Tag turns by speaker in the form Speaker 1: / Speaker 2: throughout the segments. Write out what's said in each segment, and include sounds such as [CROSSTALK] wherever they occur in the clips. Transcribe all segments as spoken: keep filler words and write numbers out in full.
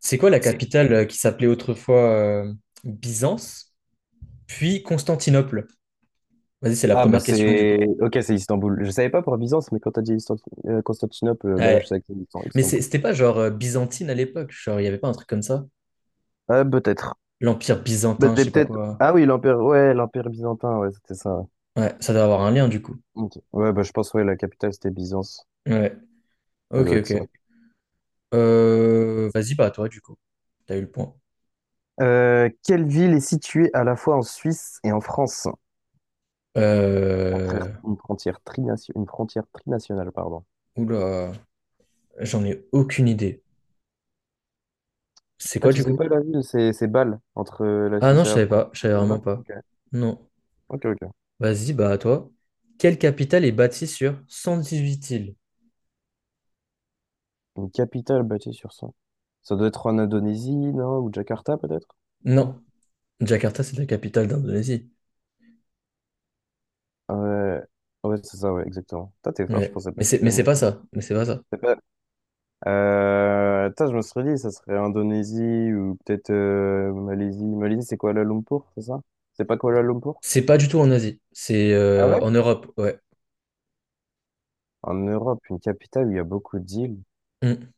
Speaker 1: C'est quoi la capitale euh, qui s'appelait autrefois euh, Byzance, puis Constantinople? Vas-y, c'est la
Speaker 2: Ah bah
Speaker 1: première question du coup.
Speaker 2: c'est... Ok, c'est Istanbul. Je savais pas pour Byzance, mais quand t'as dit Istan- euh, Constantinople, euh, bah là je
Speaker 1: Ouais.
Speaker 2: savais que c'était Istan-
Speaker 1: Mais c'est-
Speaker 2: Istanbul.
Speaker 1: c'était pas genre euh, byzantine à l'époque, genre il y avait pas un truc comme ça?
Speaker 2: Ah peut-être.
Speaker 1: L'Empire
Speaker 2: Bah
Speaker 1: byzantin, je
Speaker 2: c'est
Speaker 1: sais pas
Speaker 2: peut-être...
Speaker 1: quoi.
Speaker 2: Ah oui, l'Empire... Ouais, l'Empire byzantin, ouais, c'était ça. Ouais.
Speaker 1: Ouais, ça doit avoir un lien du coup.
Speaker 2: Ok. Ouais, bah je pense, ouais, la capitale c'était Byzance.
Speaker 1: Ouais.
Speaker 2: Ça
Speaker 1: Ok,
Speaker 2: doit être ça.
Speaker 1: ok. Euh, vas-y, bah à toi du coup. T'as eu le point.
Speaker 2: Euh, quelle ville est située à la fois en Suisse et en France? Frontière-
Speaker 1: Euh...
Speaker 2: Une frontière trination- une frontière trinationale, pardon.
Speaker 1: Oula, j'en ai aucune idée. C'est
Speaker 2: Ah,
Speaker 1: quoi
Speaker 2: tu
Speaker 1: du
Speaker 2: sais
Speaker 1: coup?
Speaker 2: pas la ville, c'est c'est Bâle, entre euh, la
Speaker 1: Ah non,
Speaker 2: Suisse et
Speaker 1: je
Speaker 2: la
Speaker 1: savais
Speaker 2: France.
Speaker 1: pas, je savais
Speaker 2: Tu veux
Speaker 1: vraiment
Speaker 2: pas.
Speaker 1: pas.
Speaker 2: Ok,
Speaker 1: Non.
Speaker 2: ok, ok.
Speaker 1: Vas-y, bah à toi. Quelle capitale est bâtie sur cent dix huit îles?
Speaker 2: Une capitale bâtie sur ça. Ça doit être en Indonésie, non? Ou Jakarta, peut-être? Non?
Speaker 1: Non, Jakarta, c'est la capitale d'Indonésie.
Speaker 2: Ah ouais, ouais c'est ça, ouais, exactement. Toi, t'es fort, je
Speaker 1: Ouais.
Speaker 2: pensais pas
Speaker 1: Mais
Speaker 2: que tu
Speaker 1: c'est mais c'est
Speaker 2: connais.
Speaker 1: pas ça. Mais c'est pas ça.
Speaker 2: C'est pas- Euh, tain, je me serais dit, ça serait Indonésie ou peut-être euh, Malaisie. Malaisie, c'est Kuala Lumpur, c'est ça? C'est pas Kuala Lumpur?
Speaker 1: C'est pas du tout en Asie. C'est
Speaker 2: Ah ouais?
Speaker 1: euh, en Europe, ouais.
Speaker 2: En Europe, une capitale où il y a beaucoup d'îles.
Speaker 1: Mm.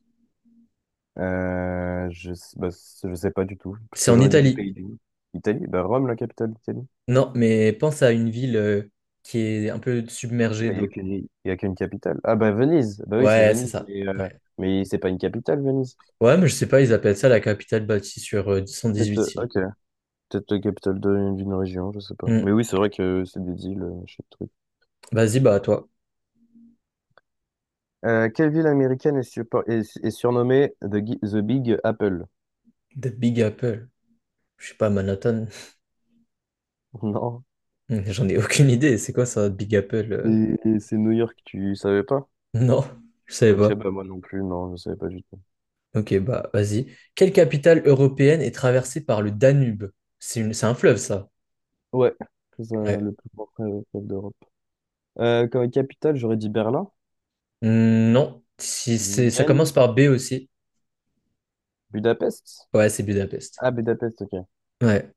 Speaker 2: Euh, je, sais- bah, je sais pas du tout, parce
Speaker 1: C'est
Speaker 2: que
Speaker 1: en
Speaker 2: j'aurais dit les
Speaker 1: Italie.
Speaker 2: pays du... Italie, bah Rome, la capitale d'Italie.
Speaker 1: Non, mais pense à une ville euh, qui est un peu submergée
Speaker 2: Mais il n'y a
Speaker 1: d'eau.
Speaker 2: qu'une, il y a qu'une capitale. Ah bah Venise, bah oui, c'est
Speaker 1: Ouais, c'est
Speaker 2: Venise,
Speaker 1: ça.
Speaker 2: mais, euh,
Speaker 1: Ouais.
Speaker 2: mais c'est pas une capitale, Venise.
Speaker 1: Ouais, mais je sais pas, ils appellent ça la capitale bâtie sur euh,
Speaker 2: Peut-être, euh,
Speaker 1: huit îles.
Speaker 2: ok, peut-être la capitale de- d'une région, je sais pas. Mais
Speaker 1: Mm.
Speaker 2: oui, c'est vrai que c'est des îles, euh, je sais pas.
Speaker 1: Vas-y, bah à toi.
Speaker 2: Euh, quelle ville américaine est, surpo- est, est surnommée The, Gi- The Big Apple?
Speaker 1: The Big Apple. Je sais pas, Manhattan.
Speaker 2: [LAUGHS] Non.
Speaker 1: [LAUGHS] J'en ai aucune idée. C'est quoi ça, Big Apple? euh
Speaker 2: Et- et c'est New York, tu savais pas?
Speaker 1: Non, je savais
Speaker 2: Ok,
Speaker 1: pas.
Speaker 2: bah moi non plus, non, je savais pas du tout.
Speaker 1: Ok, bah vas-y. Quelle capitale européenne est traversée par le Danube? C'est une... c'est un fleuve, ça.
Speaker 2: Ouais, c'est ça,
Speaker 1: Ouais.
Speaker 2: le plus grand fleuve d'Europe. Euh, comme capitale, j'aurais dit Berlin,
Speaker 1: Hmm, non, si c'est... ça commence
Speaker 2: Vienne,
Speaker 1: par B aussi.
Speaker 2: Budapest.
Speaker 1: Ouais, c'est Budapest.
Speaker 2: Ah, Budapest, ok.
Speaker 1: Ouais.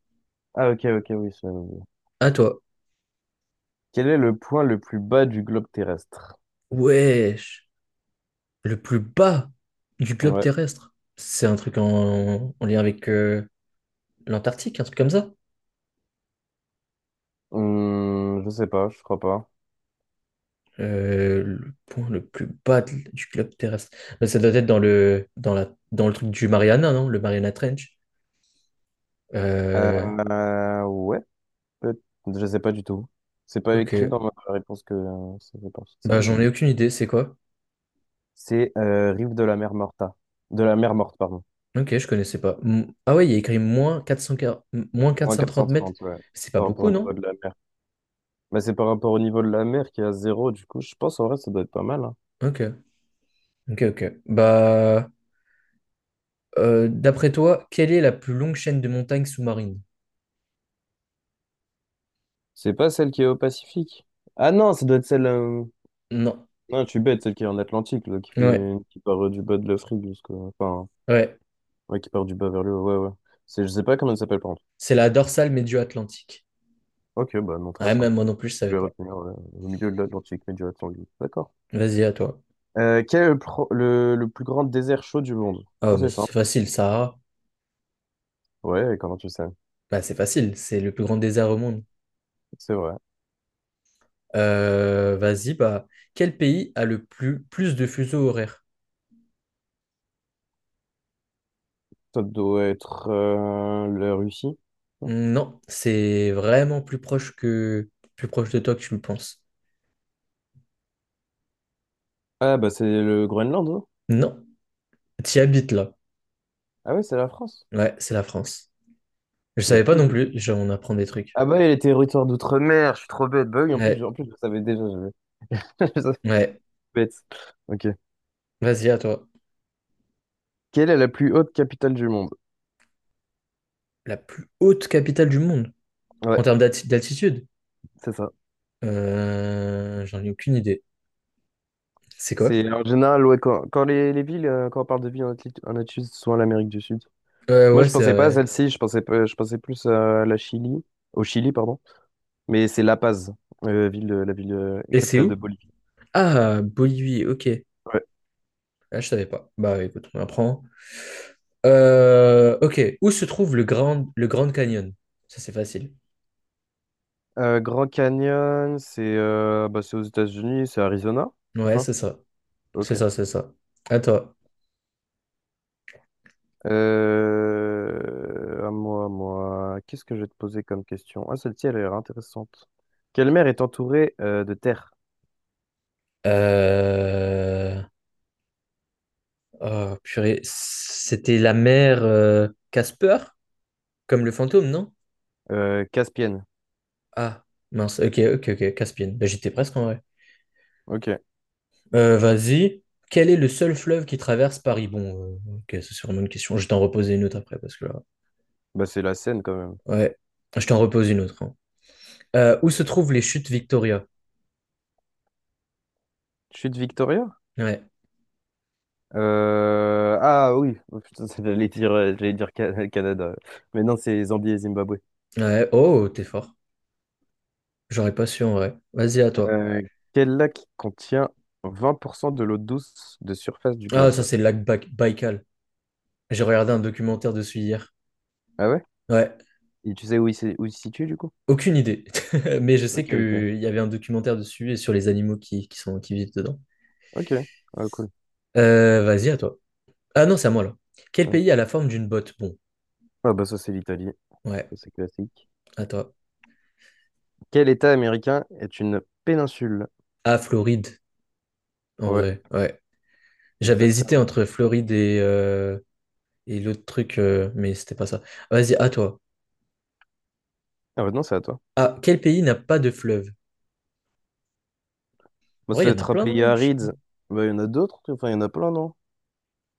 Speaker 2: Ah, ok, ok, oui, ça.
Speaker 1: À toi.
Speaker 2: Quel est le point le plus bas du globe terrestre?
Speaker 1: Wesh. Le plus bas du globe
Speaker 2: Ouais.
Speaker 1: terrestre. C'est un truc en, en lien avec euh, l'Antarctique, un truc comme ça.
Speaker 2: Hum, je sais pas, je crois pas.
Speaker 1: Euh, le point le plus bas de- du globe terrestre. Bah, ça doit être dans le, dans la, dans le truc du Mariana, non? Le Mariana Trench. Euh,
Speaker 2: Euh, ouais, peut- je sais pas du tout. C'est pas
Speaker 1: ok.
Speaker 2: écrit dans ma réponse que euh, ça fait partie de ça,
Speaker 1: Bah,
Speaker 2: mais
Speaker 1: j'en ai aucune idée, c'est quoi?
Speaker 2: c'est euh, rive de la mer Morta. De la mer morte, pardon.
Speaker 1: Ok, je connaissais pas. M- Ah ouais, il y a écrit moins quatre cent, m- moins
Speaker 2: Moins
Speaker 1: quatre cent trente mètres.
Speaker 2: quatre cent trente, ouais.
Speaker 1: C'est pas
Speaker 2: Par rapport
Speaker 1: beaucoup,
Speaker 2: au niveau
Speaker 1: non?
Speaker 2: de la mer. Bah, c'est par rapport au niveau de la mer qui est à zéro, du coup. Je pense en vrai, ça doit être pas mal, hein.
Speaker 1: Ok, ok, ok. Bah, euh, d'après toi, quelle est la plus longue chaîne de montagnes sous-marines?
Speaker 2: C'est pas celle qui est au Pacifique. Ah non, ça doit être celle. Euh,
Speaker 1: Non.
Speaker 2: Non, tu bête, celle qui est en Atlantique, là, qui
Speaker 1: Ouais,
Speaker 2: fait... qui part euh, du bas de l'Afrique jusqu'au... Enfin.
Speaker 1: ouais.
Speaker 2: Ouais, qui part du bas vers le haut, ouais, ouais. C'est, je sais pas comment ça s'appelle, par contre.
Speaker 1: C'est la dorsale médio-atlantique.
Speaker 2: Ok, bah non, très
Speaker 1: Ouais, même
Speaker 2: simple.
Speaker 1: moi non plus, je savais
Speaker 2: Je vais
Speaker 1: pas.
Speaker 2: retenir euh, au milieu de l'Atlantique mais du atlantique. D'accord.
Speaker 1: Vas-y, à toi.
Speaker 2: Euh, quel est le, pro- le, le plus grand désert chaud du monde?
Speaker 1: Ah,
Speaker 2: Ah,
Speaker 1: mais
Speaker 2: c'est
Speaker 1: ça, c'est
Speaker 2: simple.
Speaker 1: facile, Sahara.
Speaker 2: Ouais, comment tu sais?
Speaker 1: Bah, c'est facile, c'est le plus grand désert au monde.
Speaker 2: C'est vrai.
Speaker 1: Euh, vas-y, bah, quel pays a le plus, plus de fuseaux horaires?
Speaker 2: Ça doit être euh, la Russie. Non.
Speaker 1: Non, c'est vraiment plus proche que plus proche de toi que tu le penses.
Speaker 2: Ah, bah c'est le Groenland, hein.
Speaker 1: Non, tu habites là.
Speaker 2: Ah ouais, c'est la France.
Speaker 1: Ouais, c'est la France. Je
Speaker 2: Il y a
Speaker 1: savais pas
Speaker 2: plus
Speaker 1: non
Speaker 2: de...
Speaker 1: plus, je- on apprend des trucs.
Speaker 2: Ah bah, il y a les territoires d'outre-mer, je suis trop bête. Bah oui, en plus, je-
Speaker 1: Ouais,
Speaker 2: en plus je le savais déjà. Je... [LAUGHS] je le savais,
Speaker 1: ouais.
Speaker 2: bête. Ok.
Speaker 1: Vas-y, à toi.
Speaker 2: Quelle est la plus haute capitale du monde?
Speaker 1: La plus haute capitale du monde
Speaker 2: Ouais,
Speaker 1: en termes d'alti- d'altitude?
Speaker 2: c'est ça.
Speaker 1: Euh, j'en ai aucune idée. C'est quoi?
Speaker 2: C'est en général, ouais, quand, quand les, les villes, euh, quand on parle de villes en Atli- en Asie, c'est souvent l'Amérique du Sud.
Speaker 1: Ouais,
Speaker 2: Moi,
Speaker 1: ouais,
Speaker 2: je
Speaker 1: c'est
Speaker 2: pensais pas à
Speaker 1: vrai.
Speaker 2: celle-ci, je pensais, pas- je pensais plus euh, à la Chili, au Chili, pardon. Mais c'est La Paz, euh, ville, de- la ville euh,
Speaker 1: Et c'est
Speaker 2: capitale de
Speaker 1: où?
Speaker 2: Bolivie.
Speaker 1: Ah, Bolivie, ok.
Speaker 2: Ouais.
Speaker 1: Ah, je savais pas. Bah écoute, on apprend. Euh, ok, où se trouve le Grand, le Grand Canyon? Ça, c'est facile.
Speaker 2: Euh, Grand Canyon, c'est euh, bah, c'est aux États-Unis, c'est Arizona, c'est
Speaker 1: Ouais,
Speaker 2: ça?
Speaker 1: c'est ça.
Speaker 2: Ok.
Speaker 1: C'est ça, c'est ça. À toi.
Speaker 2: Euh, à moi, à moi, qu'est-ce que je vais te poser comme question? Ah, celle-ci, elle a l'air intéressante. Quelle mer est entourée euh, de terre?
Speaker 1: Euh... Oh, purée. C'était la mère euh, Casper, comme le fantôme, non?
Speaker 2: Euh, Caspienne.
Speaker 1: Ah, mince. Ok, ok, ok. Caspienne. Bah, j'étais presque en vrai.
Speaker 2: Ok.
Speaker 1: Euh, vas-y. Quel est le seul fleuve qui traverse Paris? Bon, euh, ok, ça, c'est vraiment une question. Je t'en reposer une autre après, parce que là.
Speaker 2: Bah, c'est la Seine quand même.
Speaker 1: Ouais. Je t'en repose une autre, hein. Euh, où se trouvent les chutes Victoria?
Speaker 2: Chute Victoria?
Speaker 1: Ouais.
Speaker 2: Euh, Ah oui. Oh, putain, [LAUGHS] j'allais dire, euh, j'allais dire Ca- Canada. Mais non, c'est Zambie et Zimbabwe.
Speaker 1: Ouais. Oh, t'es fort. J'aurais pas su en vrai. Vas-y, à toi.
Speaker 2: Euh, Quel lac contient vingt pour cent de l'eau douce de surface du
Speaker 1: Ah, ça,
Speaker 2: globe?
Speaker 1: c'est le lac Baï- Baïkal. J'ai regardé un documentaire dessus hier.
Speaker 2: Ah ouais?
Speaker 1: Ouais,
Speaker 2: Et tu sais où il, s'est- où il se situe du coup?
Speaker 1: aucune idée. [LAUGHS] Mais je
Speaker 2: Ok,
Speaker 1: sais
Speaker 2: ok.
Speaker 1: qu'il y avait un documentaire dessus et sur les animaux qui, qui sont, qui vivent dedans.
Speaker 2: Ok, ah, cool.
Speaker 1: Euh, vas-y, à toi. Ah non, c'est à moi là. Quel
Speaker 2: Ouais.
Speaker 1: pays a la forme d'une botte? Bon,
Speaker 2: Ah bah ça c'est l'Italie,
Speaker 1: ouais,
Speaker 2: ça c'est classique.
Speaker 1: à toi.
Speaker 2: Quel État américain est une péninsule?
Speaker 1: Ah, Floride, en
Speaker 2: Ouais,
Speaker 1: vrai, ouais. J'avais hésité
Speaker 2: exactement.
Speaker 1: entre Floride et, euh, et l'autre truc, euh, mais c'était pas ça. Vas-y, à toi.
Speaker 2: Ah bah non, c'est à toi.
Speaker 1: Ah, quel pays n'a pas de fleuve?
Speaker 2: Bah,
Speaker 1: En
Speaker 2: ça
Speaker 1: vrai, il y
Speaker 2: doit
Speaker 1: en a
Speaker 2: être un
Speaker 1: plein,
Speaker 2: pays
Speaker 1: non? Je sais pas.
Speaker 2: aride. Bah il y en a d'autres, enfin il y en a plein, non?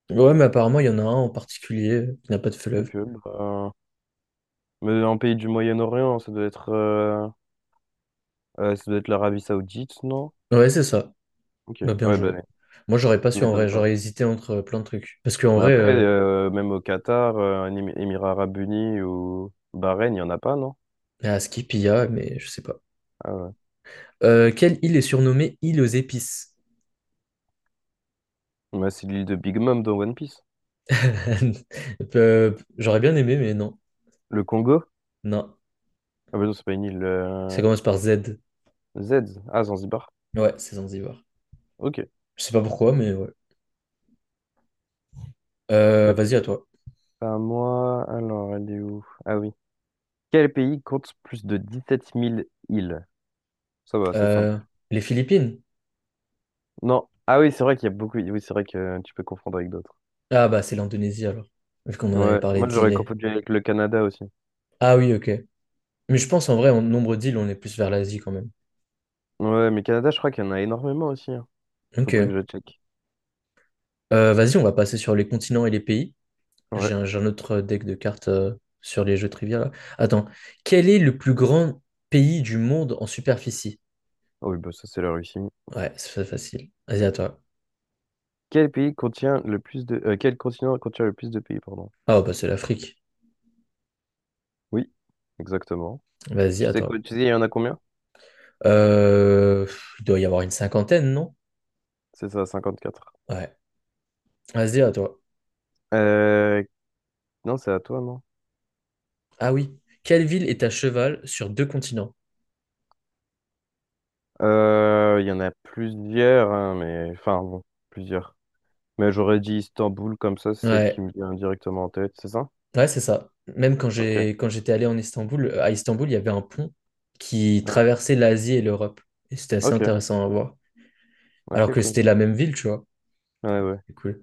Speaker 1: Ouais, mais apparemment, il y en a un en particulier qui n'a pas de fleuve.
Speaker 2: Ok, bah... Mais un pays du Moyen-Orient, ça doit être, euh, euh, ça doit être l'Arabie Saoudite, non?
Speaker 1: Ouais, c'est ça.
Speaker 2: Ok,
Speaker 1: Bah, bien
Speaker 2: ouais, bah,
Speaker 1: joué. Moi, j'aurais pas
Speaker 2: ça
Speaker 1: su en vrai,
Speaker 2: m'étonne pas.
Speaker 1: j'aurais hésité entre euh, plein de trucs. Parce qu'en
Speaker 2: Mais
Speaker 1: vrai,
Speaker 2: après,
Speaker 1: euh,
Speaker 2: euh, même au Qatar, euh, un Émi- Émirats Arabes Unis ou Bahreïn, il n'y en a pas, non?
Speaker 1: ah, Skipia, mais je sais pas.
Speaker 2: Ah ouais.
Speaker 1: Euh, quelle île est surnommée île aux épices?
Speaker 2: Bah, c'est l'île de Big Mom dans One Piece.
Speaker 1: [LAUGHS] Euh, J'aurais bien aimé, mais non.
Speaker 2: Le Congo?
Speaker 1: Non.
Speaker 2: Ah bah non, c'est pas une île.
Speaker 1: Ça
Speaker 2: euh,
Speaker 1: commence par Z.
Speaker 2: Z. Ah, Zanzibar.
Speaker 1: Ouais, c'est Zanzibar.
Speaker 2: Ok.
Speaker 1: Je sais pas pourquoi, mais ouais. Euh, vas-y, à toi.
Speaker 2: À moi, alors, elle est où? Ah oui. Quel pays compte plus de dix-sept mille îles? Ça va, c'est simple
Speaker 1: Euh,
Speaker 2: ça.
Speaker 1: les Philippines?
Speaker 2: Non. Ah oui, c'est vrai qu'il y a beaucoup. Oui, c'est vrai que euh, tu peux confondre avec d'autres.
Speaker 1: Ah, bah, c'est l'Indonésie alors. Vu qu'on en avait
Speaker 2: Ouais,
Speaker 1: parlé
Speaker 2: moi j'aurais
Speaker 1: d'îles.
Speaker 2: confondu avec le Canada aussi.
Speaker 1: Ah oui, ok. Mais je pense en vrai, en nombre d'îles, on est plus vers l'Asie quand même.
Speaker 2: Ouais, mais Canada, je crois qu'il y en a énormément aussi, hein. Faudrait que
Speaker 1: Ok.
Speaker 2: je check.
Speaker 1: Euh, vas-y, on va passer sur les continents et les pays.
Speaker 2: Ouais.
Speaker 1: J'ai un, j'ai un autre deck de cartes euh, sur les jeux trivia là. Attends, quel est le plus grand pays du monde en superficie?
Speaker 2: Oh, oui, bah ça c'est la Russie.
Speaker 1: Ouais, c'est facile. Vas-y, à toi.
Speaker 2: Quel pays contient le plus de... euh, quel continent contient le plus de pays, pardon?
Speaker 1: Ah, bah c'est l'Afrique.
Speaker 2: Oui, exactement.
Speaker 1: Vas-y,
Speaker 2: Tu
Speaker 1: à
Speaker 2: sais quoi,
Speaker 1: toi.
Speaker 2: tu sais, il y en a combien?
Speaker 1: Euh, pff, il doit y avoir une cinquantaine, non?
Speaker 2: C'est ça, cinquante-quatre.
Speaker 1: Ouais. Vas-y, à toi.
Speaker 2: Euh... Non, c'est à toi, non?
Speaker 1: Ah oui. Quelle ville est à cheval sur deux continents?
Speaker 2: Euh, il y en a plusieurs, hein, mais... Enfin, bon, plusieurs. Mais j'aurais dit Istanbul, comme ça, c'est celle qui
Speaker 1: Ouais.
Speaker 2: me vient directement en tête, c'est ça?
Speaker 1: Ouais, c'est ça. Même quand
Speaker 2: Ok.
Speaker 1: j'ai quand j'étais allé en Istanbul, euh, à Istanbul, il y avait un pont qui
Speaker 2: Ouais.
Speaker 1: traversait l'Asie et l'Europe. Et c'était assez
Speaker 2: Ok,
Speaker 1: intéressant à voir. Alors
Speaker 2: ok,
Speaker 1: que
Speaker 2: cool.
Speaker 1: c'était la même ville, tu vois.
Speaker 2: Ouais,
Speaker 1: Ouais,
Speaker 2: ouais,
Speaker 1: c'est cool.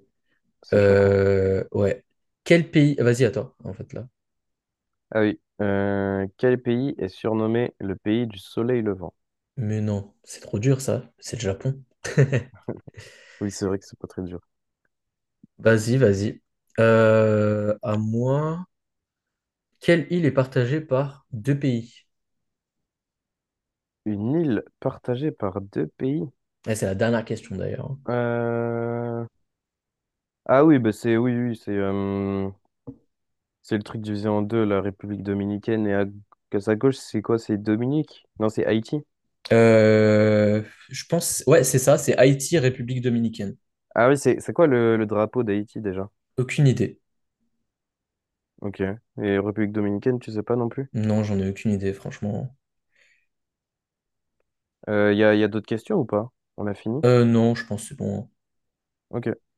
Speaker 2: c'est choquant.
Speaker 1: Euh, ouais. Quel pays? Ah, vas-y, attends, en fait, là.
Speaker 2: Ah oui. Euh, quel pays est surnommé le pays du soleil levant?
Speaker 1: Mais non, c'est trop dur, ça. C'est le Japon.
Speaker 2: Oui, c'est vrai que c'est pas très dur.
Speaker 1: Vas-y, vas-y. Euh, à moi, quelle île est partagée par deux pays?
Speaker 2: Une île partagée par deux pays?
Speaker 1: Ouais, c'est la dernière question, d'ailleurs, hein.
Speaker 2: Euh, Ah oui, bah c'est oui, oui, c'est euh, c'est le truc divisé en deux, la République dominicaine et à, que sa gauche, c'est quoi? C'est Dominique? Non, c'est Haïti.
Speaker 1: Euh, je pense... Ouais, c'est ça, c'est Haïti, République dominicaine.
Speaker 2: Ah oui, c'est c'est quoi le, le drapeau d'Haïti déjà?
Speaker 1: Aucune idée.
Speaker 2: Ok. Et République dominicaine, tu sais pas non plus?
Speaker 1: Non, j'en ai aucune idée, franchement.
Speaker 2: Il y a, y a d'autres questions ou pas? On a fini?
Speaker 1: Euh, non, je pense que c'est bon, hein.
Speaker 2: Ok.